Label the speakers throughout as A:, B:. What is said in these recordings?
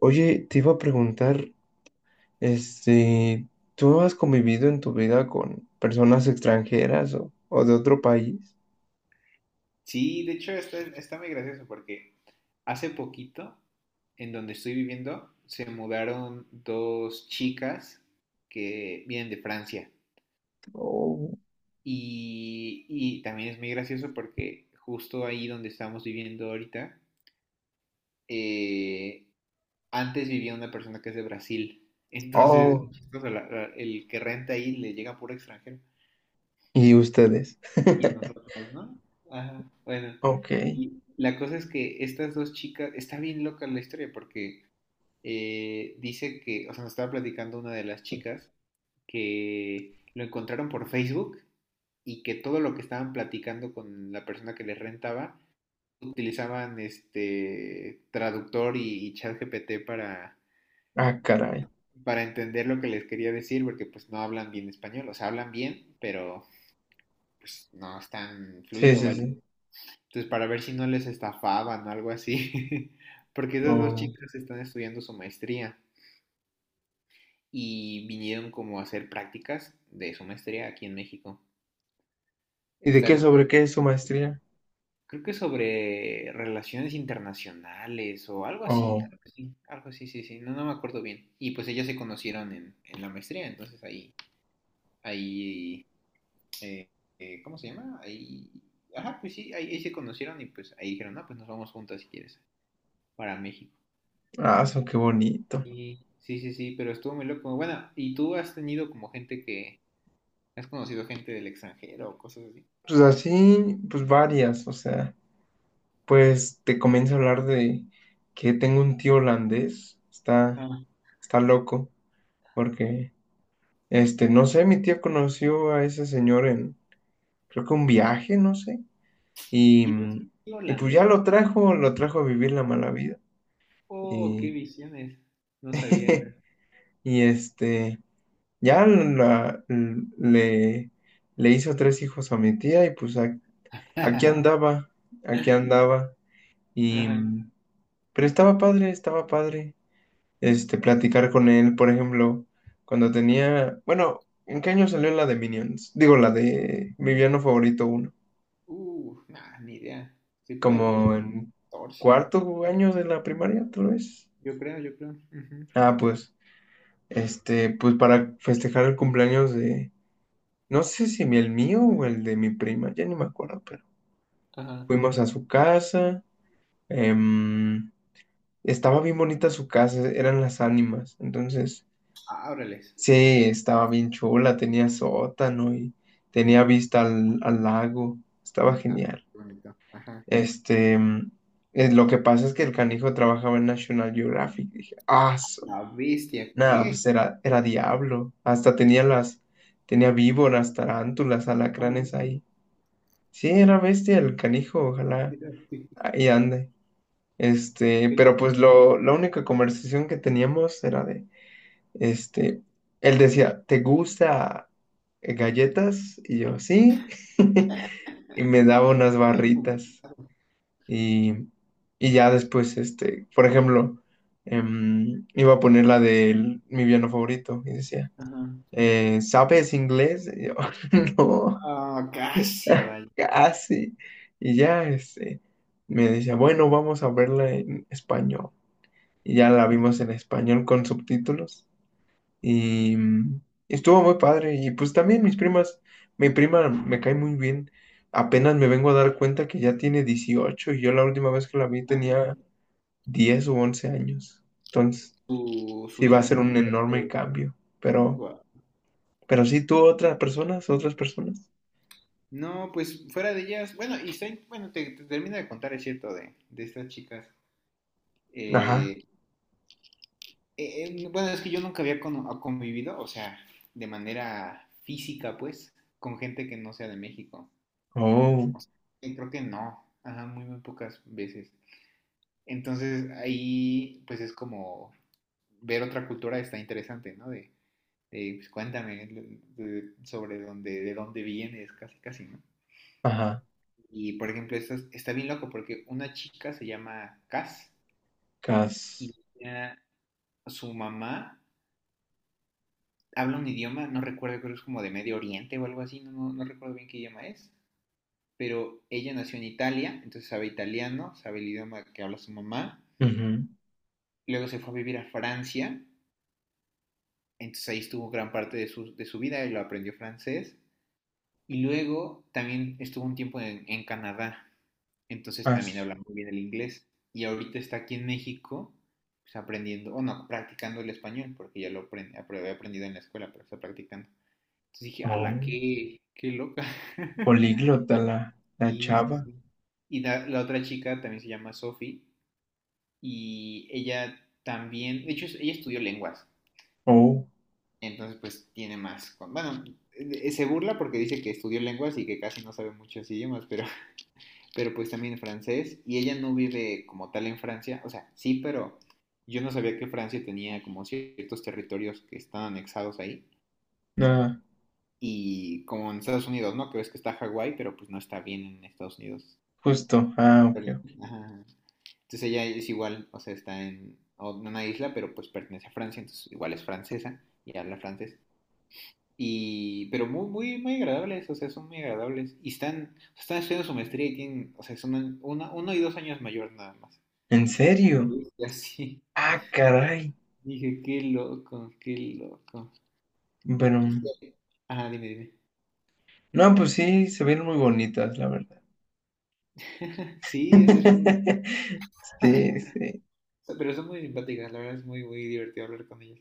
A: Oye, te iba a preguntar, este, ¿tú no has convivido en tu vida con personas extranjeras o de otro país?
B: Sí, de hecho está muy gracioso porque hace poquito, en donde estoy viviendo, se mudaron dos chicas que vienen de Francia.
A: Oh,
B: Y también es muy gracioso porque justo ahí donde estamos viviendo ahorita, eh, antes vivía una persona que es de Brasil. Entonces, es
A: oh,
B: muy chistoso, el que renta ahí le llega puro extranjero.
A: ¿y ustedes?
B: Y nosotros, ¿no? Ajá, bueno.
A: Ok,
B: Y la cosa es que estas dos chicas, está bien loca la historia porque dice que, o sea, nos estaba platicando una de las chicas que lo encontraron por Facebook y que todo lo que estaban platicando con la persona que les rentaba utilizaban este traductor y chat para,
A: ah, caray.
B: para entender lo que les quería decir, porque pues no hablan bien español, o sea, hablan bien, pero pues no es tan
A: Sí,
B: fluido,
A: sí,
B: vaya.
A: sí.
B: Entonces, para ver si no les estafaban o algo así, porque esas dos
A: Oh.
B: chicas están estudiando su maestría. Y vinieron como a hacer prácticas de su maestría aquí en México.
A: ¿Y de
B: Está
A: qué,
B: loco.
A: sobre qué es su maestría?
B: Creo que sobre relaciones internacionales o algo así,
A: Oh,
B: algo así, algo así, sí, sí, no, no me acuerdo bien. Y pues ellas se conocieron en la maestría, entonces ahí, ahí, eh, ¿cómo se llama? Ahí, ajá, pues sí, ahí, ahí se conocieron y pues ahí dijeron, no, pues nos vamos juntas si quieres, para México.
A: ah, eso, qué bonito.
B: Y sí, sí, sí, pero estuvo muy loco. Bueno, ¿y tú has tenido como gente que, has conocido gente del extranjero o cosas así?
A: Pues así, pues varias, o sea, pues te comienzo a hablar de que tengo un tío holandés, está,
B: Ah.
A: está loco, porque... no sé, mi tía conoció a ese señor en, creo que un viaje, no sé. Y,
B: ¿Tienes un
A: mm,
B: tío
A: y pues ya
B: holandés?
A: lo trajo a vivir la mala vida.
B: Oh, qué
A: Y,
B: visiones. No sabía esa.
A: y este, ya le, le hizo tres hijos a mi tía y pues aquí andaba, aquí andaba. Y,
B: Ajá.
A: mm, pero estaba padre, platicar con él, por ejemplo, cuando tenía, bueno, ¿en qué año salió la de Minions? Digo, la de mi villano favorito
B: Nah, ni idea. Estoy perdido como en
A: como en
B: 14,
A: cuarto año de la primaria, tal vez.
B: yo creo, yo creo. Ujú.
A: Ah, pues, para festejar el cumpleaños de, no sé si el mío o el de mi prima, ya ni me acuerdo, pero
B: Ajá.
A: fuimos a su casa, em, estaba bien bonita su casa, eran las ánimas, entonces,
B: Ah, órales.
A: sí, estaba bien chula, tenía sótano y tenía vista al, al lago, estaba
B: Ah,
A: genial.
B: qué bonito. Ajá.
A: Este, em, lo que pasa es que el canijo trabajaba en National Geographic. Dije, ah,
B: La bestia,
A: nada,
B: ¿qué?
A: pues era, era diablo. Hasta tenía víboras, tarántulas,
B: No
A: alacranes
B: manches,
A: ahí. Sí, era bestia el canijo,
B: qué
A: ojalá
B: loco,
A: ahí ande.
B: qué
A: Pero
B: loco.
A: pues la única conversación que teníamos era de, este, él decía, ¿te gusta galletas? Y yo, sí. Y me daba unas
B: Bien
A: barritas.
B: complicado.
A: Y, y ya después, por ejemplo, iba a poner la de mi piano favorito y decía,
B: Ajá.
A: eh, ¿sabes inglés? Y yo, no,
B: Ah, casi, vale.
A: casi. Y ya, me decía, bueno, vamos a verla en español. Y ya la
B: Ujú.
A: vimos en español con subtítulos. Y estuvo muy padre. Y pues también mis primas, mi prima me cae muy bien. Apenas me vengo a dar cuenta que ya tiene 18 y yo la última vez que la vi
B: Ah,
A: tenía 10 u 11 años. Entonces,
B: su
A: sí va a ser
B: hija.
A: un enorme cambio. Pero, pero sí, tú, otras personas, otras personas.
B: No, pues fuera de ellas, bueno, bueno, te termino de contar, es cierto, de estas chicas.
A: Ajá.
B: Eh, bueno, es que yo nunca había convivido, o sea, de manera física, pues, con gente que no sea de México.
A: Oh,
B: Y creo que no, ajá, muy pocas veces. Entonces ahí, pues es como ver otra cultura está interesante, ¿no? De, pues, cuéntame sobre dónde, de dónde vienes, casi, casi, ¿no?
A: ajá.
B: Y por ejemplo, está bien loco porque una chica se llama Cass y
A: Cas.
B: ella- su mamá habla un idioma, no recuerdo, creo que es como de Medio Oriente o algo así, no recuerdo bien qué idioma es, pero ella nació en Italia, entonces sabe italiano, sabe el idioma que habla su mamá,
A: Ujú.
B: luego se fue a vivir a Francia, entonces ahí estuvo gran parte de de su vida y lo aprendió francés, y luego también estuvo un tiempo en Canadá, entonces también
A: As.
B: habla muy bien el inglés, y ahorita está aquí en México pues, aprendiendo, o no, practicando el español, porque ya había aprendido en la escuela, pero está practicando. Entonces dije, ala,
A: Oh.
B: qué loca.
A: Políglota la, la
B: Sí, sí,
A: chava.
B: sí. Y la otra chica también se llama Sophie y ella también, de hecho, ella estudió lenguas,
A: Oh.
B: entonces pues tiene más, bueno, se burla porque dice que estudió lenguas y que casi no sabe muchos idiomas, pero, pero pues también francés y ella no vive como tal en Francia, o sea, sí, pero yo no sabía que Francia tenía como ciertos territorios que están anexados ahí.
A: Ah,
B: Y como en Estados Unidos, ¿no? Que ves que está Hawái, pero pues no está bien en Estados Unidos.
A: justo. Ah,
B: Pero-
A: ok. Ok.
B: ajá. Entonces ella es igual, o sea, está en en una isla, pero pues pertenece a Francia, entonces igual es francesa y habla francés. Y, pero muy, muy, muy agradables, o sea, son muy agradables. Y están estudiando su maestría y tienen, o sea, son uno y dos años mayor nada más.
A: ¿En
B: Dije, "A la
A: serio?
B: bestia, sí".
A: Ah, caray.
B: Dije, qué loco, qué loco.
A: Pero.
B: Es que- Ajá, dime, dime.
A: No, pues sí, se ven muy bonitas, la verdad.
B: Sí, es muy,
A: Sí, sí.
B: Pero son muy simpáticas, la verdad es muy, muy divertido hablar con ellas.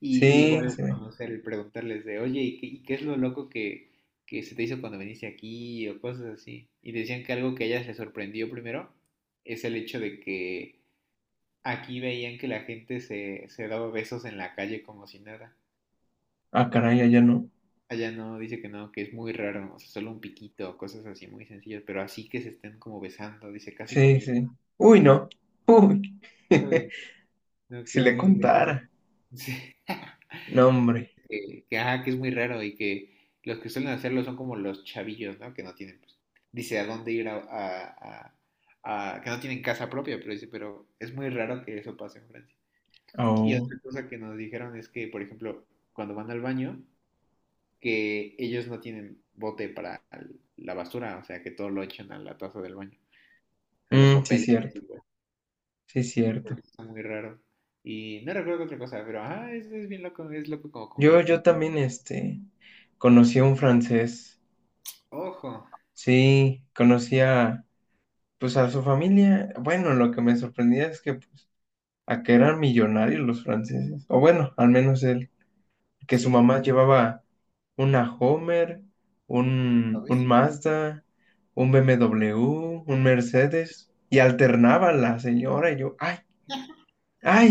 B: Y
A: Sí,
B: igual
A: se ve.
B: conocer y preguntarles de, oye, ¿y qué es lo loco que se te hizo cuando viniste aquí? O cosas así. Y decían que algo que a ellas les sorprendió primero es el hecho de que aquí veían que la gente se daba besos en la calle como si nada.
A: Ah, caray, allá no.
B: Allá no, dice que no, que es muy raro, o sea, solo un piquito, cosas así muy sencillas, pero así que se estén como besando, dice, casi
A: Sí,
B: comiendo.
A: sí. Uy, no. Uy.
B: Uy, no, que
A: Si
B: es
A: le
B: muy, muy raro.
A: contara.
B: Sí.
A: No,
B: Dice
A: hombre.
B: ajá, que es muy raro y que los que suelen hacerlo son como los chavillos, ¿no? Que no tienen, pues, dice a dónde que no tienen casa propia, pero dice, pero es muy raro que eso pase en Francia. Y
A: Oh.
B: otra cosa que nos dijeron es que, por ejemplo, cuando van al baño, que ellos no tienen bote para la basura, o sea, que todo lo echan a la taza del baño, o sea, los
A: Mm, sí,
B: papeles y así,
A: cierto.
B: güey.
A: Sí, cierto.
B: Entonces, está muy raro. Y no recuerdo otra cosa, pero ajá, es bien loco, es loco como
A: Yo,
B: convivir
A: yo
B: gente.
A: también, conocí a un francés,
B: Ojo,
A: sí, pues a su familia. Bueno, lo que me sorprendía es que, pues, a que eran millonarios los franceses, o bueno, al menos él, que su
B: sí.
A: mamá llevaba una Homer, un Mazda, un BMW, un Mercedes, y alternaba la señora, y yo, ay, ay,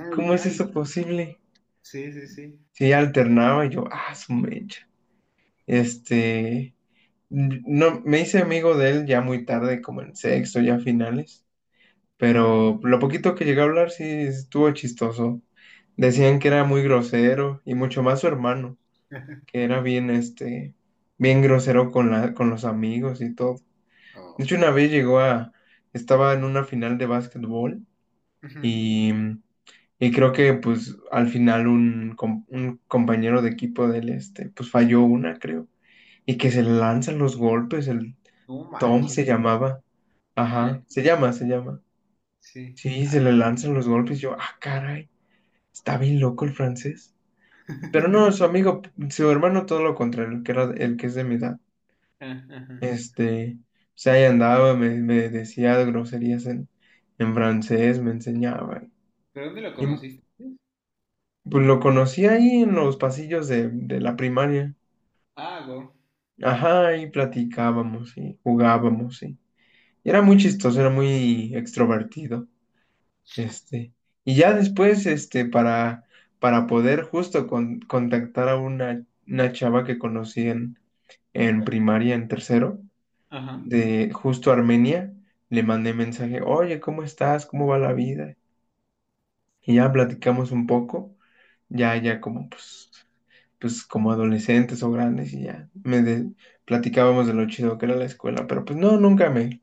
B: Ay,
A: ¿cómo es
B: ay,
A: eso posible?
B: sí, sí, sí.
A: Sí, alternaba, y yo, ah, su mecha, este... No, me hice amigo de él ya muy tarde, como en sexto, ya finales,
B: Ajá.
A: pero lo poquito que llegué a hablar sí estuvo chistoso. Decían que era muy grosero y mucho más su hermano, que era bien, bien grosero con la, con los amigos y todo. De
B: Oh,
A: hecho, una vez estaba en una final de básquetbol
B: ujú.
A: y, y creo que pues al final un compañero de equipo del este, pues falló una, creo, y que se le lanzan los golpes, el
B: No
A: Tom
B: manches,
A: se
B: güey.
A: llamaba. Ajá, se llama, se llama.
B: Sí,
A: Sí, se le
B: ala, ¿no?
A: lanzan los golpes. Yo, ah, caray, está bien loco el francés. Pero no, su amigo, su hermano, todo lo contrario, el que era, el que es de mi edad.
B: Ah, ajá.
A: O sea, ahí andaba, me decía groserías en francés, me enseñaba.
B: ¿Pero dónde lo
A: Y
B: conociste?
A: pues lo conocí ahí en los pasillos de la primaria.
B: Ah, wow.
A: Ajá, y platicábamos, y jugábamos, sí. Y era muy chistoso, era muy extrovertido. Este, y ya después, para poder justo contactar a una chava que conocí en primaria, en tercero,
B: Ajá.
A: de justo Armenia, le mandé mensaje, oye, ¿cómo estás? ¿Cómo va la vida? Y ya platicamos un poco, ya como, pues, como adolescentes o grandes y ya, platicábamos de lo chido que era la escuela, pero pues no, nunca me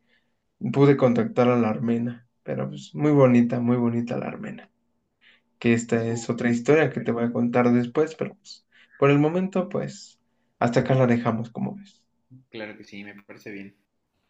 A: pude contactar a la armena, pero pues muy bonita la armena que esta es
B: Uy,
A: otra historia
B: te
A: que te
B: perdí.
A: voy a contar después, pero pues, por el momento, pues, hasta acá la dejamos, como ves.
B: Claro que sí, me parece bien.